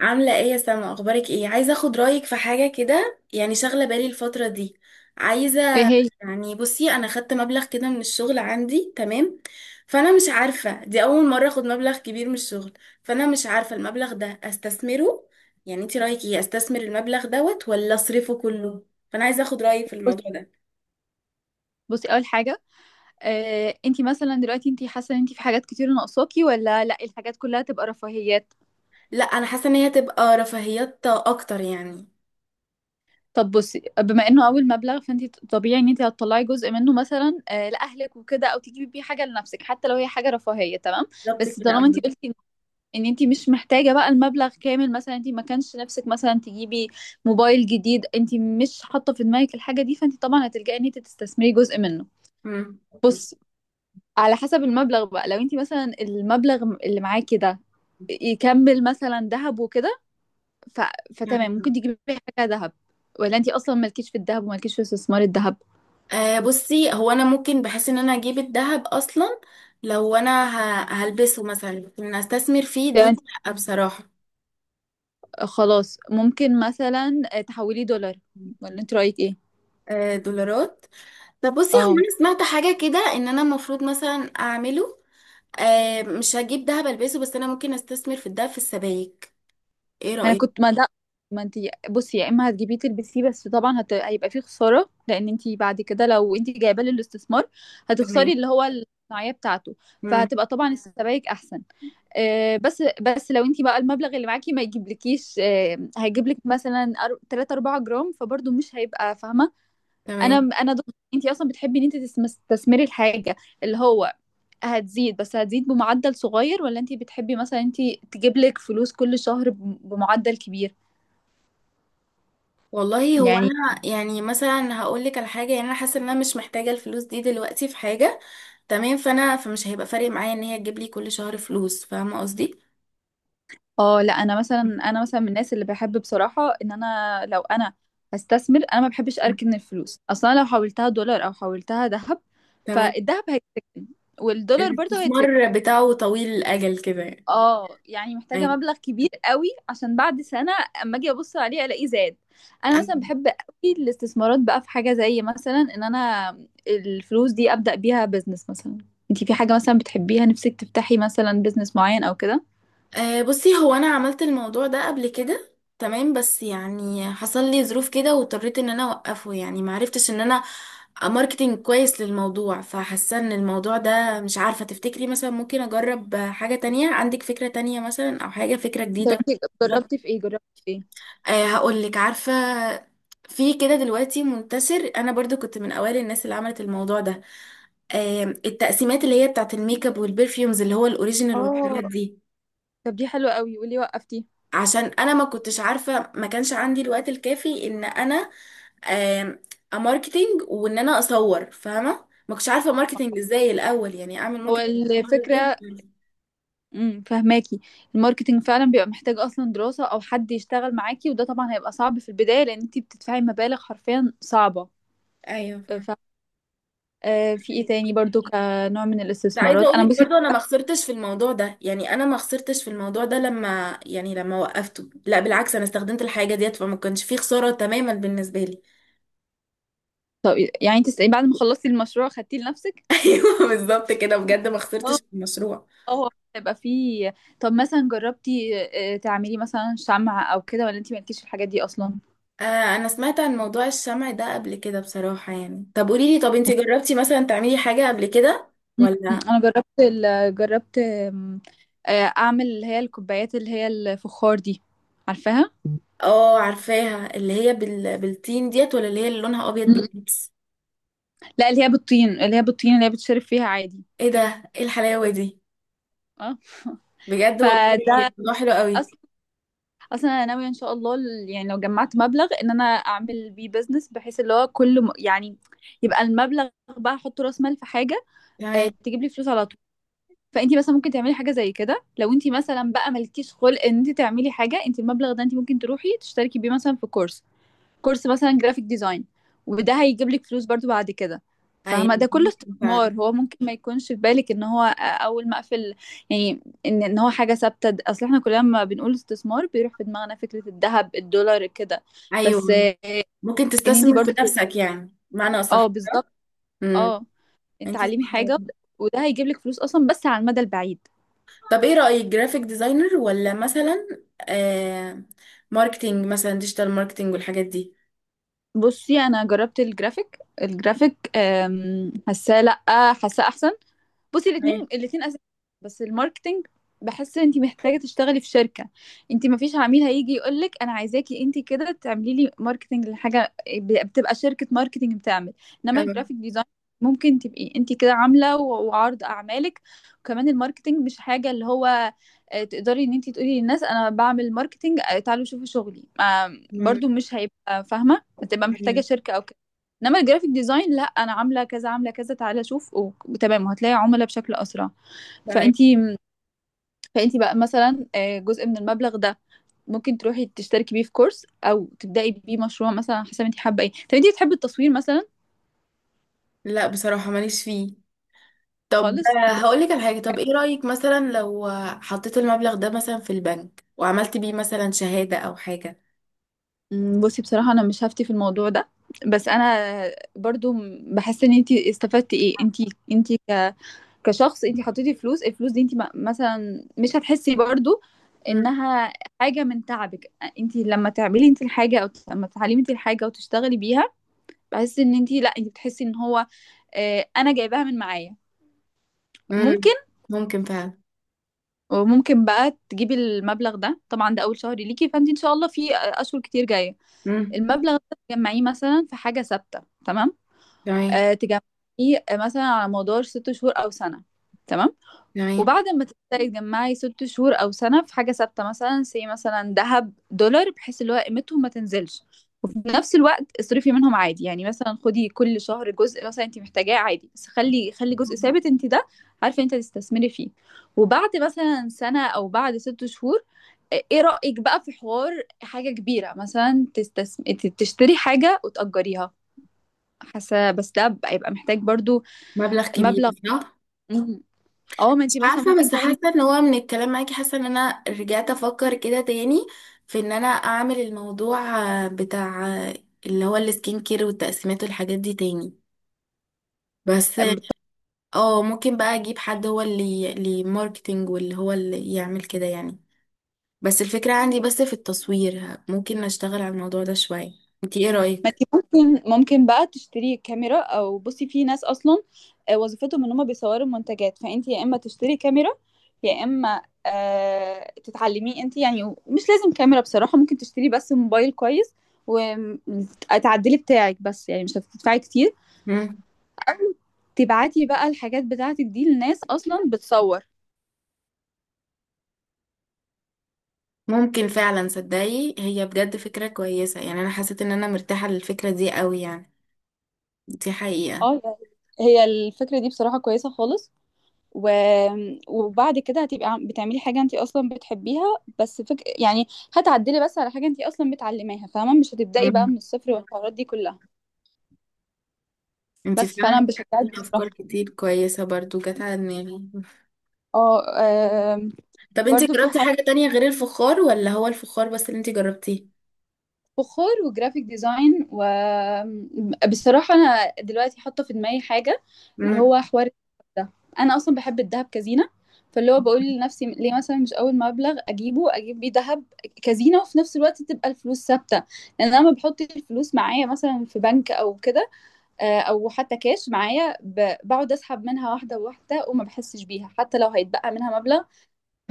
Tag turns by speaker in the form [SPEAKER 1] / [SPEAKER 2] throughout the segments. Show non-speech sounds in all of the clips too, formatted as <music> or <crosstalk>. [SPEAKER 1] عاملة ايه يا سما؟ اخبارك ايه؟ عايزة اخد رأيك في حاجة كده، يعني شاغلة بالي الفترة دي. عايزة.
[SPEAKER 2] ايه هي؟
[SPEAKER 1] يعني بصي، انا خدت مبلغ كده من الشغل عندي، تمام. فانا مش عارفة، دي اول مرة اخد مبلغ كبير من الشغل. فانا مش عارفة المبلغ ده استثمره. يعني انتي رأيك ايه، استثمر المبلغ دوت ولا اصرفه كله؟ فانا عايزة اخد رأيك في
[SPEAKER 2] بص-
[SPEAKER 1] الموضوع ده.
[SPEAKER 2] بصي، اول حاجه. انتي مثلا دلوقتي انتي حاسه ان انتي في حاجات كتير ناقصاكي ولا لا الحاجات كلها تبقى رفاهيات؟
[SPEAKER 1] لا، انا حاسة ان هي تبقى رفاهيات اكتر يعني.
[SPEAKER 2] طب بصي، بما انه اول مبلغ فانتي طبيعي ان انتي هتطلعي جزء منه مثلا لاهلك وكده او تجيبي بيه حاجه لنفسك حتى لو هي حاجه رفاهيه. تمام.
[SPEAKER 1] بالظبط
[SPEAKER 2] بس
[SPEAKER 1] كده
[SPEAKER 2] طالما انتي
[SPEAKER 1] أوي.
[SPEAKER 2] قلتي إن انتي مش محتاجه بقى المبلغ كامل، مثلا انتي ما كانش نفسك مثلا تجيبي موبايل جديد، انتي مش حاطه في دماغك الحاجه دي، فانتي طبعا هتلجئي ان انتي تستثمري جزء منه. بص على حسب المبلغ بقى. لو انت مثلا المبلغ اللي معاكي ده يكمل مثلا ذهب وكده، ف... فتمام ممكن
[SPEAKER 1] مم.
[SPEAKER 2] تجيبي حاجة ذهب، ولا انت اصلا مالكيش في الذهب ومالكيش في استثمار الذهب؟
[SPEAKER 1] أه، بصي، هو انا ممكن بحس ان انا اجيب الذهب اصلا. لو انا هلبسه مثلا، لكن ان استثمر فيه
[SPEAKER 2] فانت
[SPEAKER 1] دي لأ بصراحة.
[SPEAKER 2] خلاص ممكن مثلا تحولي دولار، ولا انت رأيك ايه؟
[SPEAKER 1] أه، دولارات. طب بصي، هو
[SPEAKER 2] اه.
[SPEAKER 1] انا سمعت حاجة كده ان انا المفروض مثلا اعمله. أه، مش هجيب ذهب البسه، بس انا ممكن استثمر في الذهب في السبائك. ايه
[SPEAKER 2] ما انا
[SPEAKER 1] رأيك؟
[SPEAKER 2] كنت ما ده ما انت بصي، يا اما هتجيبيه تلبسيه، بس طبعا هيبقى فيه خسارة لان انت بعد كده لو انت جايباه للاستثمار
[SPEAKER 1] تمام.
[SPEAKER 2] هتخسري اللي هو الصناعية بتاعته.
[SPEAKER 1] مم.
[SPEAKER 2] فهتبقى طبعا السبائك احسن. بس لو انت بقى المبلغ اللي معاكي ما يجيبلكيش، هيجيبلك مثلا 3 4 جرام، فبرضه مش هيبقى فاهمه. انا
[SPEAKER 1] تمام.
[SPEAKER 2] انا ضد. انت اصلا بتحبي ان انت تستثمري الحاجه اللي هو هتزيد، بس هتزيد بمعدل صغير، ولا انت بتحبي مثلا انت تجيبلك فلوس كل شهر بمعدل كبير؟
[SPEAKER 1] والله هو
[SPEAKER 2] يعني.
[SPEAKER 1] انا يعني مثلا هقول لك على حاجه، يعني انا حاسه ان انا مش محتاجه الفلوس دي دلوقتي في حاجه. تمام، فانا فمش هيبقى فارق معايا ان هي تجيب لي كل شهر فلوس، فاهمه قصدي؟
[SPEAKER 2] اه، لا، انا مثلا من الناس اللي بحب بصراحه ان انا لو انا هستثمر انا ما بحبش
[SPEAKER 1] مم.
[SPEAKER 2] اركن الفلوس اصلا. لو حولتها دولار او حولتها ذهب،
[SPEAKER 1] تمام.
[SPEAKER 2] فالذهب هيتركن والدولار برضه هيتركن.
[SPEAKER 1] الاستثمار بتاعه طويل الأجل كده يعني.
[SPEAKER 2] اه، يعني محتاجه
[SPEAKER 1] أيوة.
[SPEAKER 2] مبلغ كبير قوي عشان بعد سنه اما اجي ابص عليه الاقيه زاد. انا مثلا
[SPEAKER 1] أيوة.
[SPEAKER 2] بحب قوي الاستثمارات بقى في حاجه زي مثلا ان انا الفلوس دي ابدا بيها بزنس مثلا. انتي في حاجه مثلا بتحبيها نفسك تفتحي مثلا بزنس معين او كده؟
[SPEAKER 1] أه، بصي، هو أنا عملت الموضوع ده قبل كده، تمام. بس يعني حصل لي ظروف كده واضطريت إن أنا أوقفه، يعني معرفتش إن أنا ماركتينج كويس للموضوع، فحاسة إن الموضوع ده مش عارفة. تفتكري مثلا ممكن أجرب حاجة تانية؟ عندك فكرة تانية مثلا، أو حاجة فكرة
[SPEAKER 2] طب
[SPEAKER 1] جديدة؟
[SPEAKER 2] انتي جربتي في ايه؟ جربتي في ايه؟
[SPEAKER 1] أه، هقولك، عارفة؟ في كده دلوقتي منتشر، أنا برضو كنت من أوائل الناس اللي عملت الموضوع ده. التقسيمات اللي هي بتاعت الميك اب والبرفيومز اللي هو الاوريجينال
[SPEAKER 2] اه.
[SPEAKER 1] والحاجات دي.
[SPEAKER 2] طب دي حلوة قوي، قولي، وقفتي؟
[SPEAKER 1] عشان انا ما كنتش عارفه، ما كانش عندي الوقت الكافي ان انا آم، اماركتينج وان انا اصور، فاهمه؟ ما كنتش عارفه ماركتينج ازاي الاول، يعني اعمل
[SPEAKER 2] هو
[SPEAKER 1] ماركتينج ازاي، مش
[SPEAKER 2] الفكرة.
[SPEAKER 1] عارفه.
[SPEAKER 2] فهماكي، الماركتينج فعلا بيبقى محتاج اصلا دراسة او حد يشتغل معاكي، وده طبعا هيبقى صعب في البداية لان انتي بتدفعي مبالغ حرفيا صعبة.
[SPEAKER 1] ايوه،
[SPEAKER 2] آه،
[SPEAKER 1] فاهمه.
[SPEAKER 2] ف في ايه تاني برضو كنوع من
[SPEAKER 1] كنت عايزه
[SPEAKER 2] الاستثمارات؟
[SPEAKER 1] اقول
[SPEAKER 2] انا
[SPEAKER 1] لك
[SPEAKER 2] بصي.
[SPEAKER 1] برضه انا ما خسرتش في الموضوع ده، يعني انا ما خسرتش في الموضوع ده لما وقفته، لا بالعكس، انا استخدمت الحاجه ديت فما كانش فيه خساره تماما بالنسبه لي.
[SPEAKER 2] طب يعني انت بعد ما خلصتي المشروع خدتيه لنفسك؟
[SPEAKER 1] <laughs> ايوه، بالظبط كده، بجد ما
[SPEAKER 2] اه.
[SPEAKER 1] خسرتش في المشروع.
[SPEAKER 2] اه هيبقى فيه. طب مثلا جربتي تعملي مثلا شمعة او كده، ولا انتي مالكيش في الحاجات دي اصلا؟
[SPEAKER 1] آه، انا سمعت عن موضوع الشمع ده قبل كده بصراحة، يعني طب قوليلي، طب انتي جربتي مثلا تعملي حاجة قبل كده؟
[SPEAKER 2] مم.
[SPEAKER 1] ولا؟
[SPEAKER 2] انا جربت جربت اعمل اللي هي الكوبايات اللي هي الفخار دي، عارفاها؟
[SPEAKER 1] اه، عارفاها، اللي هي بالتين ديت، ولا اللي هي اللي لونها ابيض
[SPEAKER 2] مم.
[SPEAKER 1] بالبيبس؟
[SPEAKER 2] لا اللي هي بالطين، اللي هي بالطين اللي هي بتشرب فيها عادي.
[SPEAKER 1] ايه ده؟ ايه الحلاوة دي!
[SPEAKER 2] اه. <laughs>
[SPEAKER 1] بجد والله.
[SPEAKER 2] فده
[SPEAKER 1] الموضوع حلو قوي.
[SPEAKER 2] اصلا. اصلا انا ناويه ان شاء الله يعني لو جمعت مبلغ ان انا اعمل بيه بزنس، بحيث اللي هو كل يعني يبقى المبلغ بقى احط راس مال في حاجه
[SPEAKER 1] تمام.
[SPEAKER 2] تجيب لي فلوس على طول. فانتي مثلا ممكن تعملي حاجه زي كده. لو انتي مثلا بقى مالكيش خلق ان انتي تعملي حاجه، انتي المبلغ ده انتي ممكن تروحي تشتركي بيه مثلا في كورس، كورس مثلا جرافيك ديزاين، وده هيجيب لك فلوس برضو بعد كده، فاهمة؟ ده
[SPEAKER 1] ايوه،
[SPEAKER 2] كله
[SPEAKER 1] ممكن
[SPEAKER 2] استثمار.
[SPEAKER 1] فعلا.
[SPEAKER 2] هو ممكن ما يكونش في بالك ان هو اول ما اقفل يعني ان ان هو حاجة ثابتة. اصل احنا كلنا لما بنقول استثمار بيروح في دماغنا فكرة الذهب، الدولار، كده.
[SPEAKER 1] ايوه،
[SPEAKER 2] بس
[SPEAKER 1] ممكن
[SPEAKER 2] ان انتي
[SPEAKER 1] تستثمر في
[SPEAKER 2] برضو.
[SPEAKER 1] نفسك يعني، معنى صح.
[SPEAKER 2] اه بالظبط.
[SPEAKER 1] امم.
[SPEAKER 2] اه
[SPEAKER 1] انتي
[SPEAKER 2] اتعلمي
[SPEAKER 1] صح
[SPEAKER 2] حاجة،
[SPEAKER 1] والله.
[SPEAKER 2] وده هيجيب لك فلوس اصلا بس على المدى البعيد.
[SPEAKER 1] طب ايه رأيك، جرافيك ديزاينر ولا مثلا آه... ماركتينج مثلا، ديجيتال ماركتينج والحاجات دي؟
[SPEAKER 2] بصي انا جربت الجرافيك. الجرافيك حاساه، لا، حاساه احسن. بصي الاتنين اساسي، بس الماركتينج بحس انت محتاجه تشتغلي في شركه. انت ما فيش عميل هيجي يقول لك انا عايزاكي انت كده تعملي لي ماركتينج لحاجه، بتبقى شركه ماركتينج بتعمل. انما
[SPEAKER 1] آه،
[SPEAKER 2] الجرافيك ديزاين ممكن تبقي انت كده عامله وعرض اعمالك. وكمان الماركتينج مش حاجه اللي هو تقدري ان انت تقولي للناس انا بعمل ماركتينج، تعالوا شوفوا شغلي.
[SPEAKER 1] مم،
[SPEAKER 2] برضو مش هيبقى فاهمه، هتبقى محتاجه
[SPEAKER 1] ايوه،
[SPEAKER 2] شركه او. انما الجرافيك ديزاين، لا انا عامله كذا، عامله كذا، تعالى شوف، وتمام، وهتلاقي عملاء بشكل اسرع.
[SPEAKER 1] تمام.
[SPEAKER 2] فانتي فانتي بقى مثلا جزء من المبلغ ده ممكن تروحي تشتركي بيه في كورس، او تبداي بيه مشروع مثلا على حسب انت حابه ايه. طب انت بتحبي التصوير مثلا؟
[SPEAKER 1] لا، بصراحة ماليش فيه. طب
[SPEAKER 2] خالص كنت.
[SPEAKER 1] هقولك على حاجة، طب ايه رأيك مثلا لو حطيت المبلغ ده مثلا في البنك وعملت بيه مثلا شهادة او حاجة؟
[SPEAKER 2] مم، بصي بصراحه انا مش هفتي في الموضوع ده، بس انا برضو بحس ان انت استفدتي ايه. انت كشخص انت حطيتي فلوس. الفلوس دي انت مثلا مش هتحسي برضو
[SPEAKER 1] مم.
[SPEAKER 2] انها حاجه من تعبك. انت لما تعملي انت الحاجه او لما تعلمي انت الحاجه وتشتغلي بيها، بحس ان انت، لا انت بتحسي ان هو اه انا جايباها من معايا.
[SPEAKER 1] مم.
[SPEAKER 2] ممكن.
[SPEAKER 1] ممكن فعلا.
[SPEAKER 2] وممكن بقى تجيبي المبلغ ده. طبعا ده اول شهر ليكي، فانت ان شاء الله في اشهر كتير جايه.
[SPEAKER 1] مم.
[SPEAKER 2] المبلغ ده تجمعيه مثلا في حاجه ثابته، تمام؟
[SPEAKER 1] تمام.
[SPEAKER 2] تجمعيه مثلا على مدار ست شهور او سنه، تمام.
[SPEAKER 1] تمام.
[SPEAKER 2] وبعد ما تبداي تجمعي ست شهور او سنه في حاجه ثابته مثلا، سي مثلا ذهب، دولار، بحيث اللي هو قيمتهم ما تنزلش، وفي نفس الوقت اصرفي منهم عادي. يعني مثلا خدي كل شهر جزء مثلا انت محتاجاه عادي، بس خلي جزء ثابت انت ده عارفه انت تستثمري فيه. وبعد مثلا سنه او بعد ست شهور، ايه رايك بقى في حوار حاجه كبيره مثلا تشتري حاجه وتاجريها؟ حاسه بس ده هيبقى محتاج برضو
[SPEAKER 1] مبلغ كبير،
[SPEAKER 2] مبلغ.
[SPEAKER 1] صح.
[SPEAKER 2] مم. اه ما
[SPEAKER 1] مش
[SPEAKER 2] انت مثلا
[SPEAKER 1] عارفة،
[SPEAKER 2] ممكن
[SPEAKER 1] بس
[SPEAKER 2] تاخدي.
[SPEAKER 1] حاسة ان هو من الكلام معاكي حاسة ان انا رجعت افكر كده تاني في ان انا اعمل الموضوع بتاع اللي هو السكين كير والتقسيمات والحاجات دي تاني. بس اه، ممكن بقى اجيب حد، هو اللي ماركتينج واللي هو اللي يعمل كده يعني. بس الفكرة عندي بس في التصوير، ممكن اشتغل على الموضوع ده شوية. انتي ايه
[SPEAKER 2] ما
[SPEAKER 1] رأيك؟
[SPEAKER 2] انتي ممكن بقى تشتري كاميرا، او بصي في ناس اصلا وظيفتهم ان هم بيصوروا منتجات. فانت يا اما تشتري كاميرا، يا اما تتعلمي انت. يعني مش لازم كاميرا بصراحة، ممكن تشتري بس موبايل كويس وتعدلي بتاعك، بس يعني مش هتدفعي كتير.
[SPEAKER 1] مم.
[SPEAKER 2] أو تبعتي بقى الحاجات بتاعتك دي لناس اصلا بتصور.
[SPEAKER 1] ممكن فعلا، صدقي هي بجد فكرة كويسة، يعني انا حسيت ان انا مرتاحة للفكرة دي قوي يعني. دي حقيقة.
[SPEAKER 2] اه يعني هي الفكرة دي بصراحة كويسة خالص. و... وبعد كده هتبقي بتعملي حاجة انتي اصلا بتحبيها. بس يعني هتعدلي بس على حاجة انتي اصلا بتعلميها، فاهمة؟ مش هتبدأي بقى
[SPEAKER 1] مم.
[SPEAKER 2] من الصفر والحوارات دي كلها.
[SPEAKER 1] انتي
[SPEAKER 2] بس
[SPEAKER 1] فعلا،
[SPEAKER 2] فانا
[SPEAKER 1] في
[SPEAKER 2] بشجعك
[SPEAKER 1] افكار
[SPEAKER 2] بصراحة.
[SPEAKER 1] كتير كويسة برضو جت على دماغي.
[SPEAKER 2] اه. آم،
[SPEAKER 1] طب انتي
[SPEAKER 2] برضو في
[SPEAKER 1] جربتي حاجة تانية غير الفخار، ولا هو الفخار بس اللي انتي جربتيه؟
[SPEAKER 2] فخار وجرافيك ديزاين. وبصراحة أنا دلوقتي حاطة في دماغي حاجة اللي
[SPEAKER 1] مم.
[SPEAKER 2] هو حوار ده، أنا أصلا بحب الذهب كزينة. فاللي هو بقول لنفسي ليه مثلا مش أول مبلغ أجيبه أجيب بيه ذهب كزينة، وفي نفس الوقت تبقى الفلوس ثابتة. لأن أنا لما بحط الفلوس معايا مثلا في بنك أو كده، أو حتى كاش معايا، بقعد أسحب منها واحدة واحدة وما بحسش بيها حتى لو هيتبقى منها مبلغ.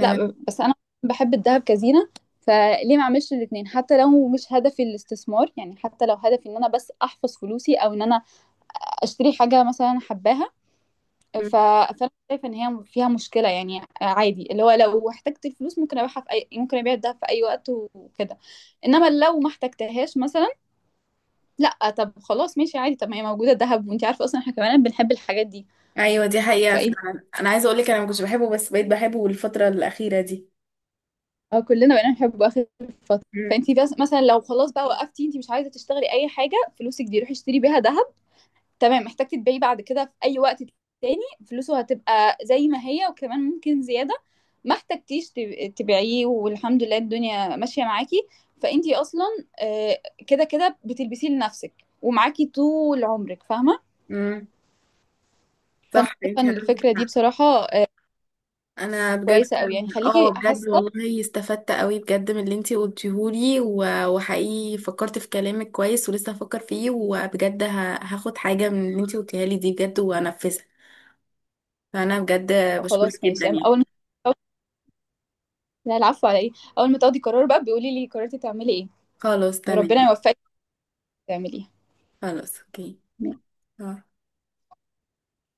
[SPEAKER 2] لا، بس انا بحب الذهب كزينة. فليه ما اعملش الاثنين؟ حتى لو مش هدفي الاستثمار، يعني حتى لو هدفي ان انا بس احفظ فلوسي، او ان انا اشتري حاجة مثلا أنا حباها. ف... فانا شايفة ان هي فيها مشكلة يعني عادي. اللي هو لو احتجت الفلوس ممكن ابيعها في اي، ممكن ابيع الذهب في اي وقت وكده. انما لو ما احتجتهاش مثلا، لا، طب خلاص ماشي عادي. طب ما هي موجودة الذهب، وانت عارفة اصلا احنا كمان بنحب الحاجات دي.
[SPEAKER 1] ايوه، دي حقيقة
[SPEAKER 2] فايه
[SPEAKER 1] فعلا، انا عايزة اقولك انا ما كنتش بحبه، بس بقيت بحبه الفترة الأخيرة دي.
[SPEAKER 2] كلنا بقينا نحبه آخر فترة.
[SPEAKER 1] مم.
[SPEAKER 2] فأنتِ بس مثلًا لو خلاص بقى وقفتِ، أنتِ مش عايزة تشتغلي أي حاجة، فلوسِك دي روحي اشتري بيها دهب، تمام. محتاجة تبيعيه بعد كده في أي وقت تاني، فلوسه هتبقى زي ما هي وكمان ممكن زيادة. ما احتجتيش تبيعيه، والحمد لله الدنيا ماشية معاكِ، فأنتِ أصلًا آآ، كده بتلبسيه لنفسِك ومعاكِ طول عمرِك، فاهمة؟
[SPEAKER 1] مم.
[SPEAKER 2] فأنا
[SPEAKER 1] صح،
[SPEAKER 2] شايفة
[SPEAKER 1] انت
[SPEAKER 2] إن
[SPEAKER 1] عندك
[SPEAKER 2] الفكرة دي
[SPEAKER 1] حق.
[SPEAKER 2] بصراحة
[SPEAKER 1] انا بجد.
[SPEAKER 2] كويسة أوي، يعني
[SPEAKER 1] اه،
[SPEAKER 2] خليكِ
[SPEAKER 1] بجد
[SPEAKER 2] حاسة.
[SPEAKER 1] والله استفدت قوي بجد من اللي انت قلتيهولي، وحقيقي فكرت في كلامك كويس، ولسه هفكر فيه، وبجد هاخد حاجة من اللي انت قلتيها لي دي بجد وانفذها. فانا بجد بشكرك
[SPEAKER 2] خلاص
[SPEAKER 1] جدا
[SPEAKER 2] ماشي
[SPEAKER 1] يعني.
[SPEAKER 2] أول. لا، العفو على ايه. اول ما تاخدي قرار بقى بيقولي لي قررتي تعملي ايه،
[SPEAKER 1] خلاص، تمام.
[SPEAKER 2] وربنا يوفقك تعمليه.
[SPEAKER 1] خلاص، اوكي. آه.